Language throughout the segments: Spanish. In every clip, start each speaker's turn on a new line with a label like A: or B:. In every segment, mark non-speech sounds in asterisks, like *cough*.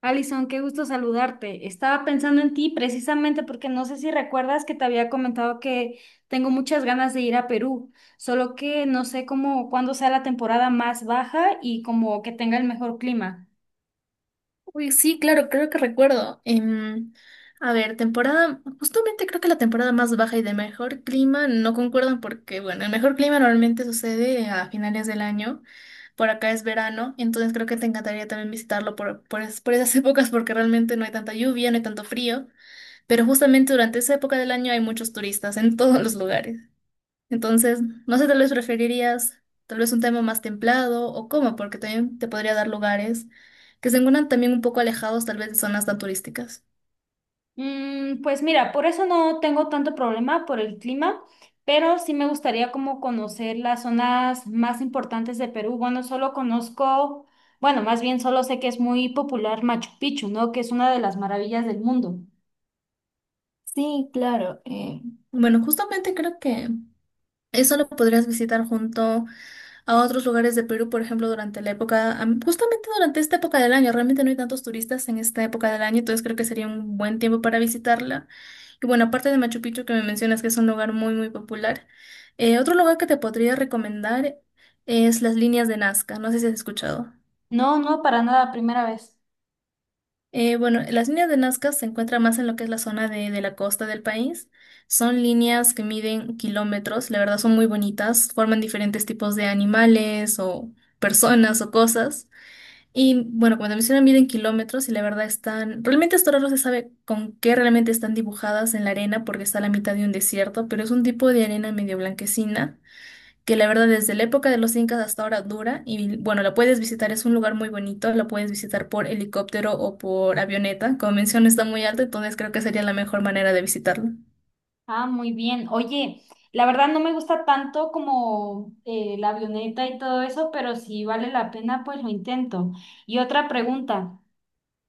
A: Alison, qué gusto saludarte. Estaba pensando en ti precisamente porque no sé si recuerdas que te había comentado que tengo muchas ganas de ir a Perú, solo que no sé cómo, cuándo sea la temporada más baja y como que tenga el mejor clima.
B: Uy, sí, claro, creo que recuerdo. A ver, temporada, justamente creo que la temporada más baja y de mejor clima no concuerdan porque, bueno, el mejor clima normalmente sucede a finales del año. Por acá es verano, entonces creo que te encantaría también visitarlo por esas *laughs* épocas porque realmente no hay tanta lluvia, no hay tanto frío, pero justamente durante esa época del año hay muchos turistas en todos los lugares. Entonces, no sé, tal vez preferirías tal vez un tema más templado o cómo, porque también te podría dar lugares que se encuentran también un poco alejados tal vez de zonas tan turísticas.
A: Pues mira, por eso no tengo tanto problema por el clima, pero sí me gustaría como conocer las zonas más importantes de Perú. Bueno, solo conozco, bueno, más bien solo sé que es muy popular Machu Picchu, ¿no? Que es una de las maravillas del mundo.
B: Sí, claro. Bueno, justamente creo que eso lo podrías visitar junto a otros lugares de Perú, por ejemplo, durante la época, justamente durante esta época del año, realmente no hay tantos turistas en esta época del año, entonces creo que sería un buen tiempo para visitarla. Y bueno, aparte de Machu Picchu que me mencionas que es un lugar muy, muy popular, otro lugar que te podría recomendar es las líneas de Nazca, no sé si has escuchado.
A: No, no, para nada, primera vez.
B: Bueno, las líneas de Nazca se encuentran más en lo que es la zona de la costa del país. Son líneas que miden kilómetros, la verdad son muy bonitas, forman diferentes tipos de animales o personas o cosas. Y bueno, cuando mencionan miden kilómetros y la verdad están, realmente hasta ahora no se sabe con qué realmente están dibujadas en la arena porque está a la mitad de un desierto, pero es un tipo de arena medio blanquecina que la verdad desde la época de los incas hasta ahora dura y bueno, la puedes visitar, es un lugar muy bonito, la puedes visitar por helicóptero o por avioneta, como menciono está muy alto, entonces creo que sería la mejor manera de visitarlo.
A: Ah, muy bien. Oye, la verdad no me gusta tanto como la avioneta y todo eso, pero si vale la pena, pues lo intento. Y otra pregunta,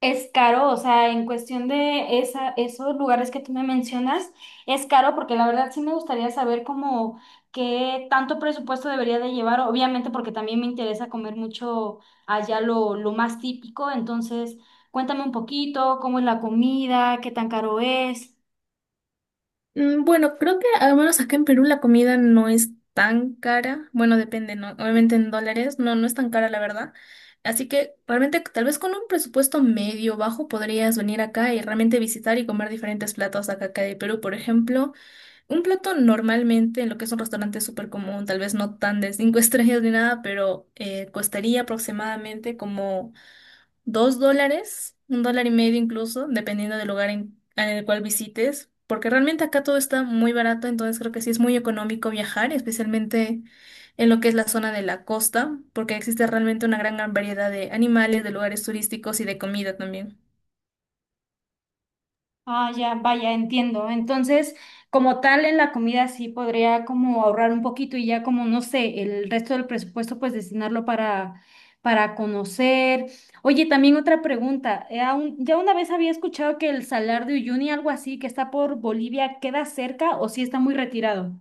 A: ¿es caro? O sea, en cuestión de esos lugares que tú me mencionas, ¿es caro? Porque la verdad sí me gustaría saber como qué tanto presupuesto debería de llevar, obviamente porque también me interesa comer mucho allá lo más típico, entonces... Cuéntame un poquito, cómo es la comida, qué tan caro es.
B: Bueno, creo que al menos acá en Perú la comida no es tan cara. Bueno, depende, ¿no? Obviamente en dólares, no, no es tan cara, la verdad. Así que realmente tal vez con un presupuesto medio bajo podrías venir acá y realmente visitar y comer diferentes platos acá de Perú. Por ejemplo, un plato normalmente en lo que es un restaurante súper común, tal vez no tan de cinco *laughs* estrellas ni nada, pero costaría aproximadamente como $2, $1.50 incluso, dependiendo del lugar en el cual visites, porque realmente acá todo está muy barato, entonces creo que sí es muy económico viajar, especialmente en lo que es la zona de la costa, porque existe realmente una gran variedad de animales, de lugares turísticos y de comida también.
A: Ah, ya, vaya, entiendo. Entonces, como tal, en la comida sí podría como ahorrar un poquito y ya como, no sé, el resto del presupuesto pues destinarlo para conocer. Oye, también otra pregunta. Ya una vez había escuchado que el Salar de Uyuni, algo así, que está por Bolivia, ¿queda cerca o sí está muy retirado?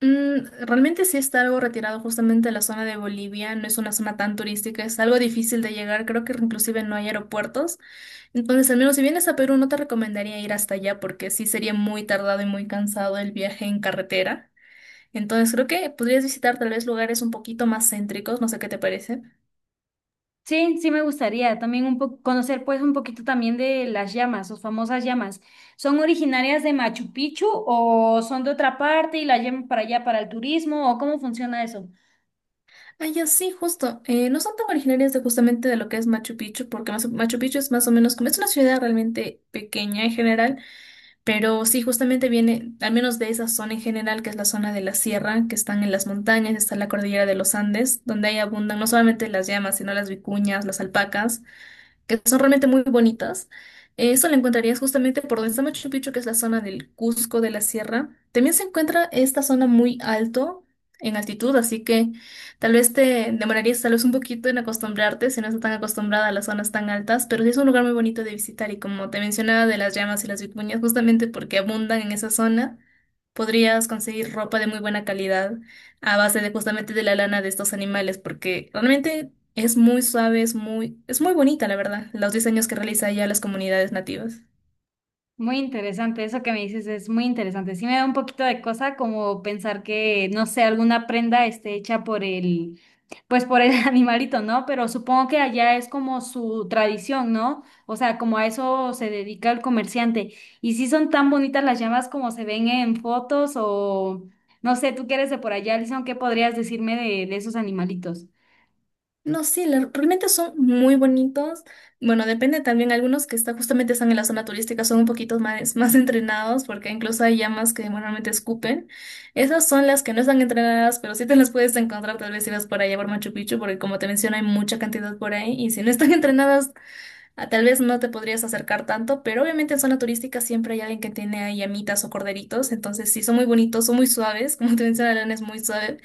B: Realmente sí está algo retirado justamente de la zona de Bolivia, no es una zona tan turística, es algo difícil de llegar, creo que inclusive no hay aeropuertos. Entonces, al menos si vienes a Perú, no te recomendaría ir hasta allá porque sí sería muy tardado y muy cansado el viaje en carretera. Entonces, creo que podrías visitar tal vez lugares un poquito más céntricos, no sé qué te parece.
A: Sí, sí me gustaría también un poco conocer pues un poquito también de las llamas, sus famosas llamas. ¿Son originarias de Machu Picchu o son de otra parte y las llevan para allá para el turismo o cómo funciona eso?
B: Ah, ya sí, justo. No son tan originarias de justamente de lo que es Machu Picchu, porque Machu Picchu es más o menos como es una ciudad realmente pequeña en general. Pero sí, justamente viene, al menos de esa zona en general, que es la zona de la sierra, que están en las montañas, está la cordillera de los Andes, donde ahí abundan no solamente las llamas, sino las vicuñas, las alpacas que son realmente muy bonitas. Eso lo encontrarías justamente por donde está Machu Picchu, que es la zona del Cusco de la Sierra. También se encuentra esta zona muy alto en altitud, así que tal vez te demorarías tal vez un poquito en acostumbrarte si no estás tan acostumbrada a las zonas tan altas, pero sí es un lugar muy bonito de visitar y como te mencionaba de las llamas y las vicuñas, justamente porque abundan en esa zona, podrías conseguir ropa de muy buena calidad a base de justamente de la lana de estos animales, porque realmente es muy suave, es muy bonita, la verdad, los diseños que realiza ella a las comunidades nativas.
A: Muy interesante, eso que me dices es muy interesante. Sí me da un poquito de cosa como pensar que, no sé, alguna prenda esté hecha pues por el *laughs* animalito, ¿no? Pero supongo que allá es como su tradición, ¿no? O sea, como a eso se dedica el comerciante. Y si son tan bonitas las llamas como se ven en fotos o, no sé, tú que eres de por allá, Alison, ¿qué podrías decirme de esos animalitos?
B: No, sí, realmente son muy bonitos. Bueno, depende también, algunos que está, justamente están en la zona turística son un poquito más entrenados, porque incluso hay llamas que normalmente escupen. Esas son las que no están entrenadas, pero sí te las puedes encontrar tal vez si vas por allá por Machu Picchu, porque como te menciono, hay mucha cantidad por ahí, y si no están *laughs* entrenadas, ah, tal vez no te podrías acercar tanto, pero obviamente en zona turística siempre hay alguien que tiene ahí llamitas o corderitos, entonces sí, son muy bonitos, son muy suaves, *laughs* como te menciona, León es muy suave.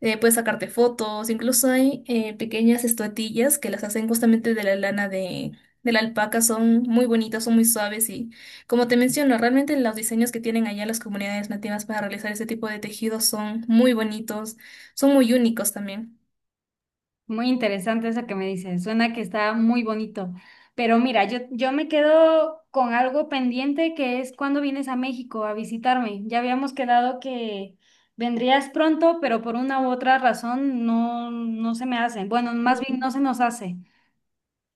B: Puedes sacarte fotos, incluso hay pequeñas estatuillas que las hacen justamente de la lana de la alpaca, son muy bonitas, son muy suaves y como te menciono, realmente los diseños que tienen allá las comunidades nativas para realizar ese tipo de tejidos son muy bonitos, son muy únicos también.
A: Muy interesante eso que me dices. Suena que está muy bonito. Pero mira, yo me quedo con algo pendiente que es cuando vienes a México a visitarme. Ya habíamos quedado que vendrías pronto, pero por una u otra razón no, no se me hace. Bueno, más bien no se nos hace.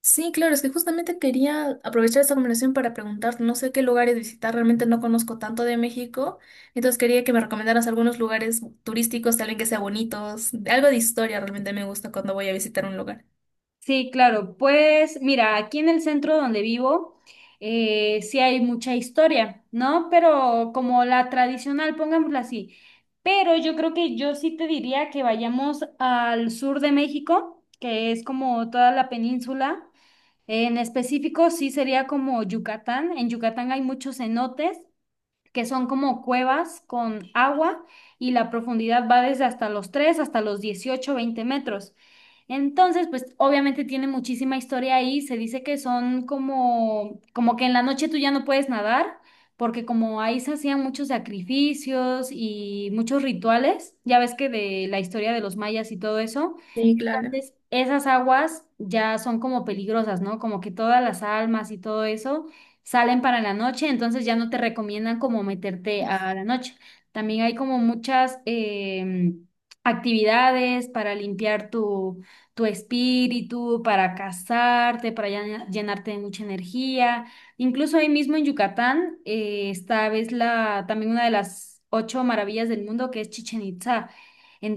B: Sí, claro, es que justamente quería aprovechar esta conversación para preguntar, no sé qué lugares visitar, realmente no conozco tanto de México, entonces quería que me recomendaras algunos lugares turísticos, tal vez que sean bonitos, algo de historia realmente me gusta cuando voy a visitar un lugar.
A: Sí, claro. Pues mira, aquí en el centro donde vivo sí hay mucha historia, ¿no? Pero como la tradicional, pongámosla así. Pero yo creo que yo sí te diría que vayamos al sur de México, que es como toda la península. En específico, sí sería como Yucatán. En Yucatán hay muchos cenotes que son como cuevas con agua y la profundidad va desde hasta los 3 hasta los 18 20 metros. Entonces, pues obviamente tiene muchísima historia ahí. Se dice que son como que en la noche tú ya no puedes nadar, porque como ahí se hacían muchos sacrificios y muchos rituales, ya ves que de la historia de los mayas y todo eso,
B: Sí, claro.
A: entonces, esas aguas ya son como peligrosas, ¿no? Como que todas las almas y todo eso salen para la noche, entonces ya no te recomiendan como meterte a la noche. También hay como muchas actividades para limpiar tu espíritu, para casarte, para llenarte de mucha energía. Incluso ahí mismo en Yucatán está ves la, también una de las ocho maravillas del mundo que es Chichen Itza.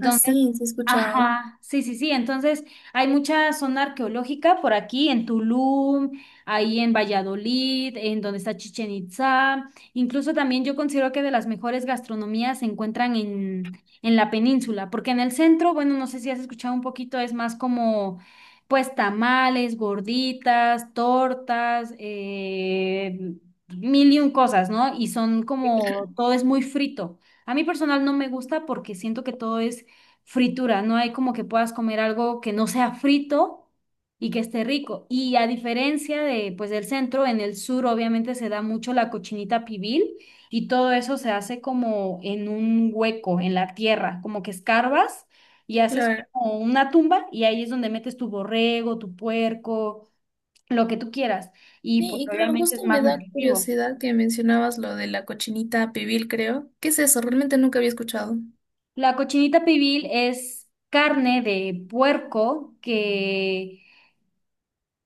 B: Ah, sí, sí he escuchado.
A: Ajá, sí, sí, sí. Entonces, hay mucha zona arqueológica por aquí, en Tulum, ahí en Valladolid, en donde está Chichen Itzá. Incluso también yo considero que de las mejores gastronomías se encuentran en la península, porque en el centro, bueno, no sé si has escuchado un poquito, es más como, pues, tamales, gorditas, tortas, mil y un cosas, ¿no? Y son como, todo es muy frito. A mí personal no me gusta porque siento que todo es fritura, no hay como que puedas comer algo que no sea frito y que esté rico. Y a diferencia de, pues, del centro, en el sur obviamente se da mucho la cochinita pibil y todo eso se hace como en un hueco, en la tierra, como que escarbas y haces
B: Claro.
A: como una tumba y ahí es donde metes tu borrego, tu puerco, lo que tú quieras. Y
B: Sí,
A: pues
B: y claro,
A: obviamente es
B: justo
A: más
B: me da
A: nutritivo.
B: curiosidad que mencionabas lo de la cochinita pibil, creo. ¿Qué es eso? Realmente nunca había escuchado.
A: La cochinita pibil es carne de puerco que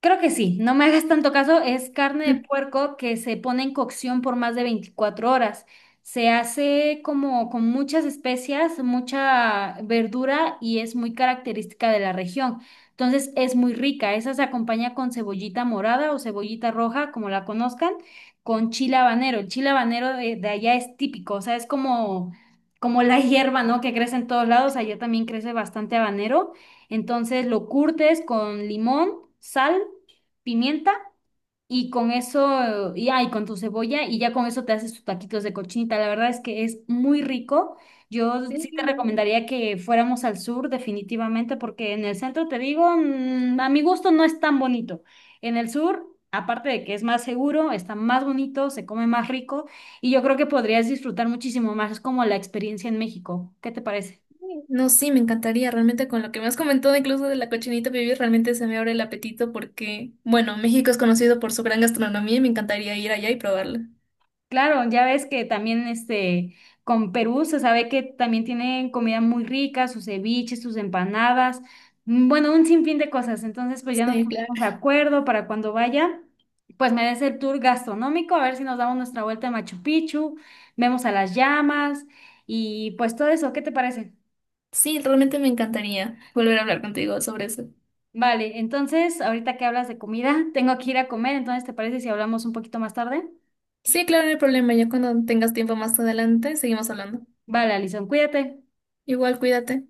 A: creo que sí, no me hagas tanto caso, es carne de
B: *laughs*
A: puerco que se pone en cocción por más de 24 horas. Se hace como con muchas especias, mucha verdura y es muy característica de la región. Entonces es muy rica, esa se acompaña con cebollita morada o cebollita roja, como la conozcan, con chile habanero. El chile habanero de allá es típico, o sea, es como, como la *laughs* hierba, ¿no? Que crece en todos lados, allá también crece bastante habanero, entonces lo curtes con limón, sal, pimienta y con eso, y con tu cebolla y ya con eso te haces tus taquitos de cochinita. La verdad es que es muy rico. Yo sí te
B: Sí.
A: recomendaría que fuéramos al sur definitivamente porque en el centro, te digo, a mi gusto no es tan bonito. En el sur... Aparte de que es más seguro, está más bonito, se come más rico y yo creo que podrías disfrutar muchísimo más. Es como la experiencia en México. ¿Qué te parece?
B: Sí. No, sí, me encantaría. Realmente con lo que me has comentado, incluso de la cochinita pibil, realmente se me abre el apetito porque, bueno, México es conocido por su gran gastronomía y me encantaría ir allá y probarla.
A: Claro, ya ves que también este con Perú se sabe que también tienen comida muy rica, sus ceviches, sus empanadas, bueno, un sinfín de cosas. Entonces, pues ya nos
B: Sí, claro.
A: ponemos de acuerdo para cuando vaya, pues me des el tour gastronómico, a ver si nos damos nuestra vuelta a Machu Picchu, vemos a las llamas y pues todo eso, ¿qué te parece?
B: Sí, realmente me encantaría volver a hablar contigo sobre eso.
A: Vale, entonces, ahorita que hablas de comida, tengo que ir a comer, entonces, ¿te parece si hablamos un poquito más tarde?
B: Sí, claro, no hay problema. Ya cuando tengas tiempo más adelante, seguimos hablando.
A: Vale, Alison, cuídate.
B: Igual, cuídate.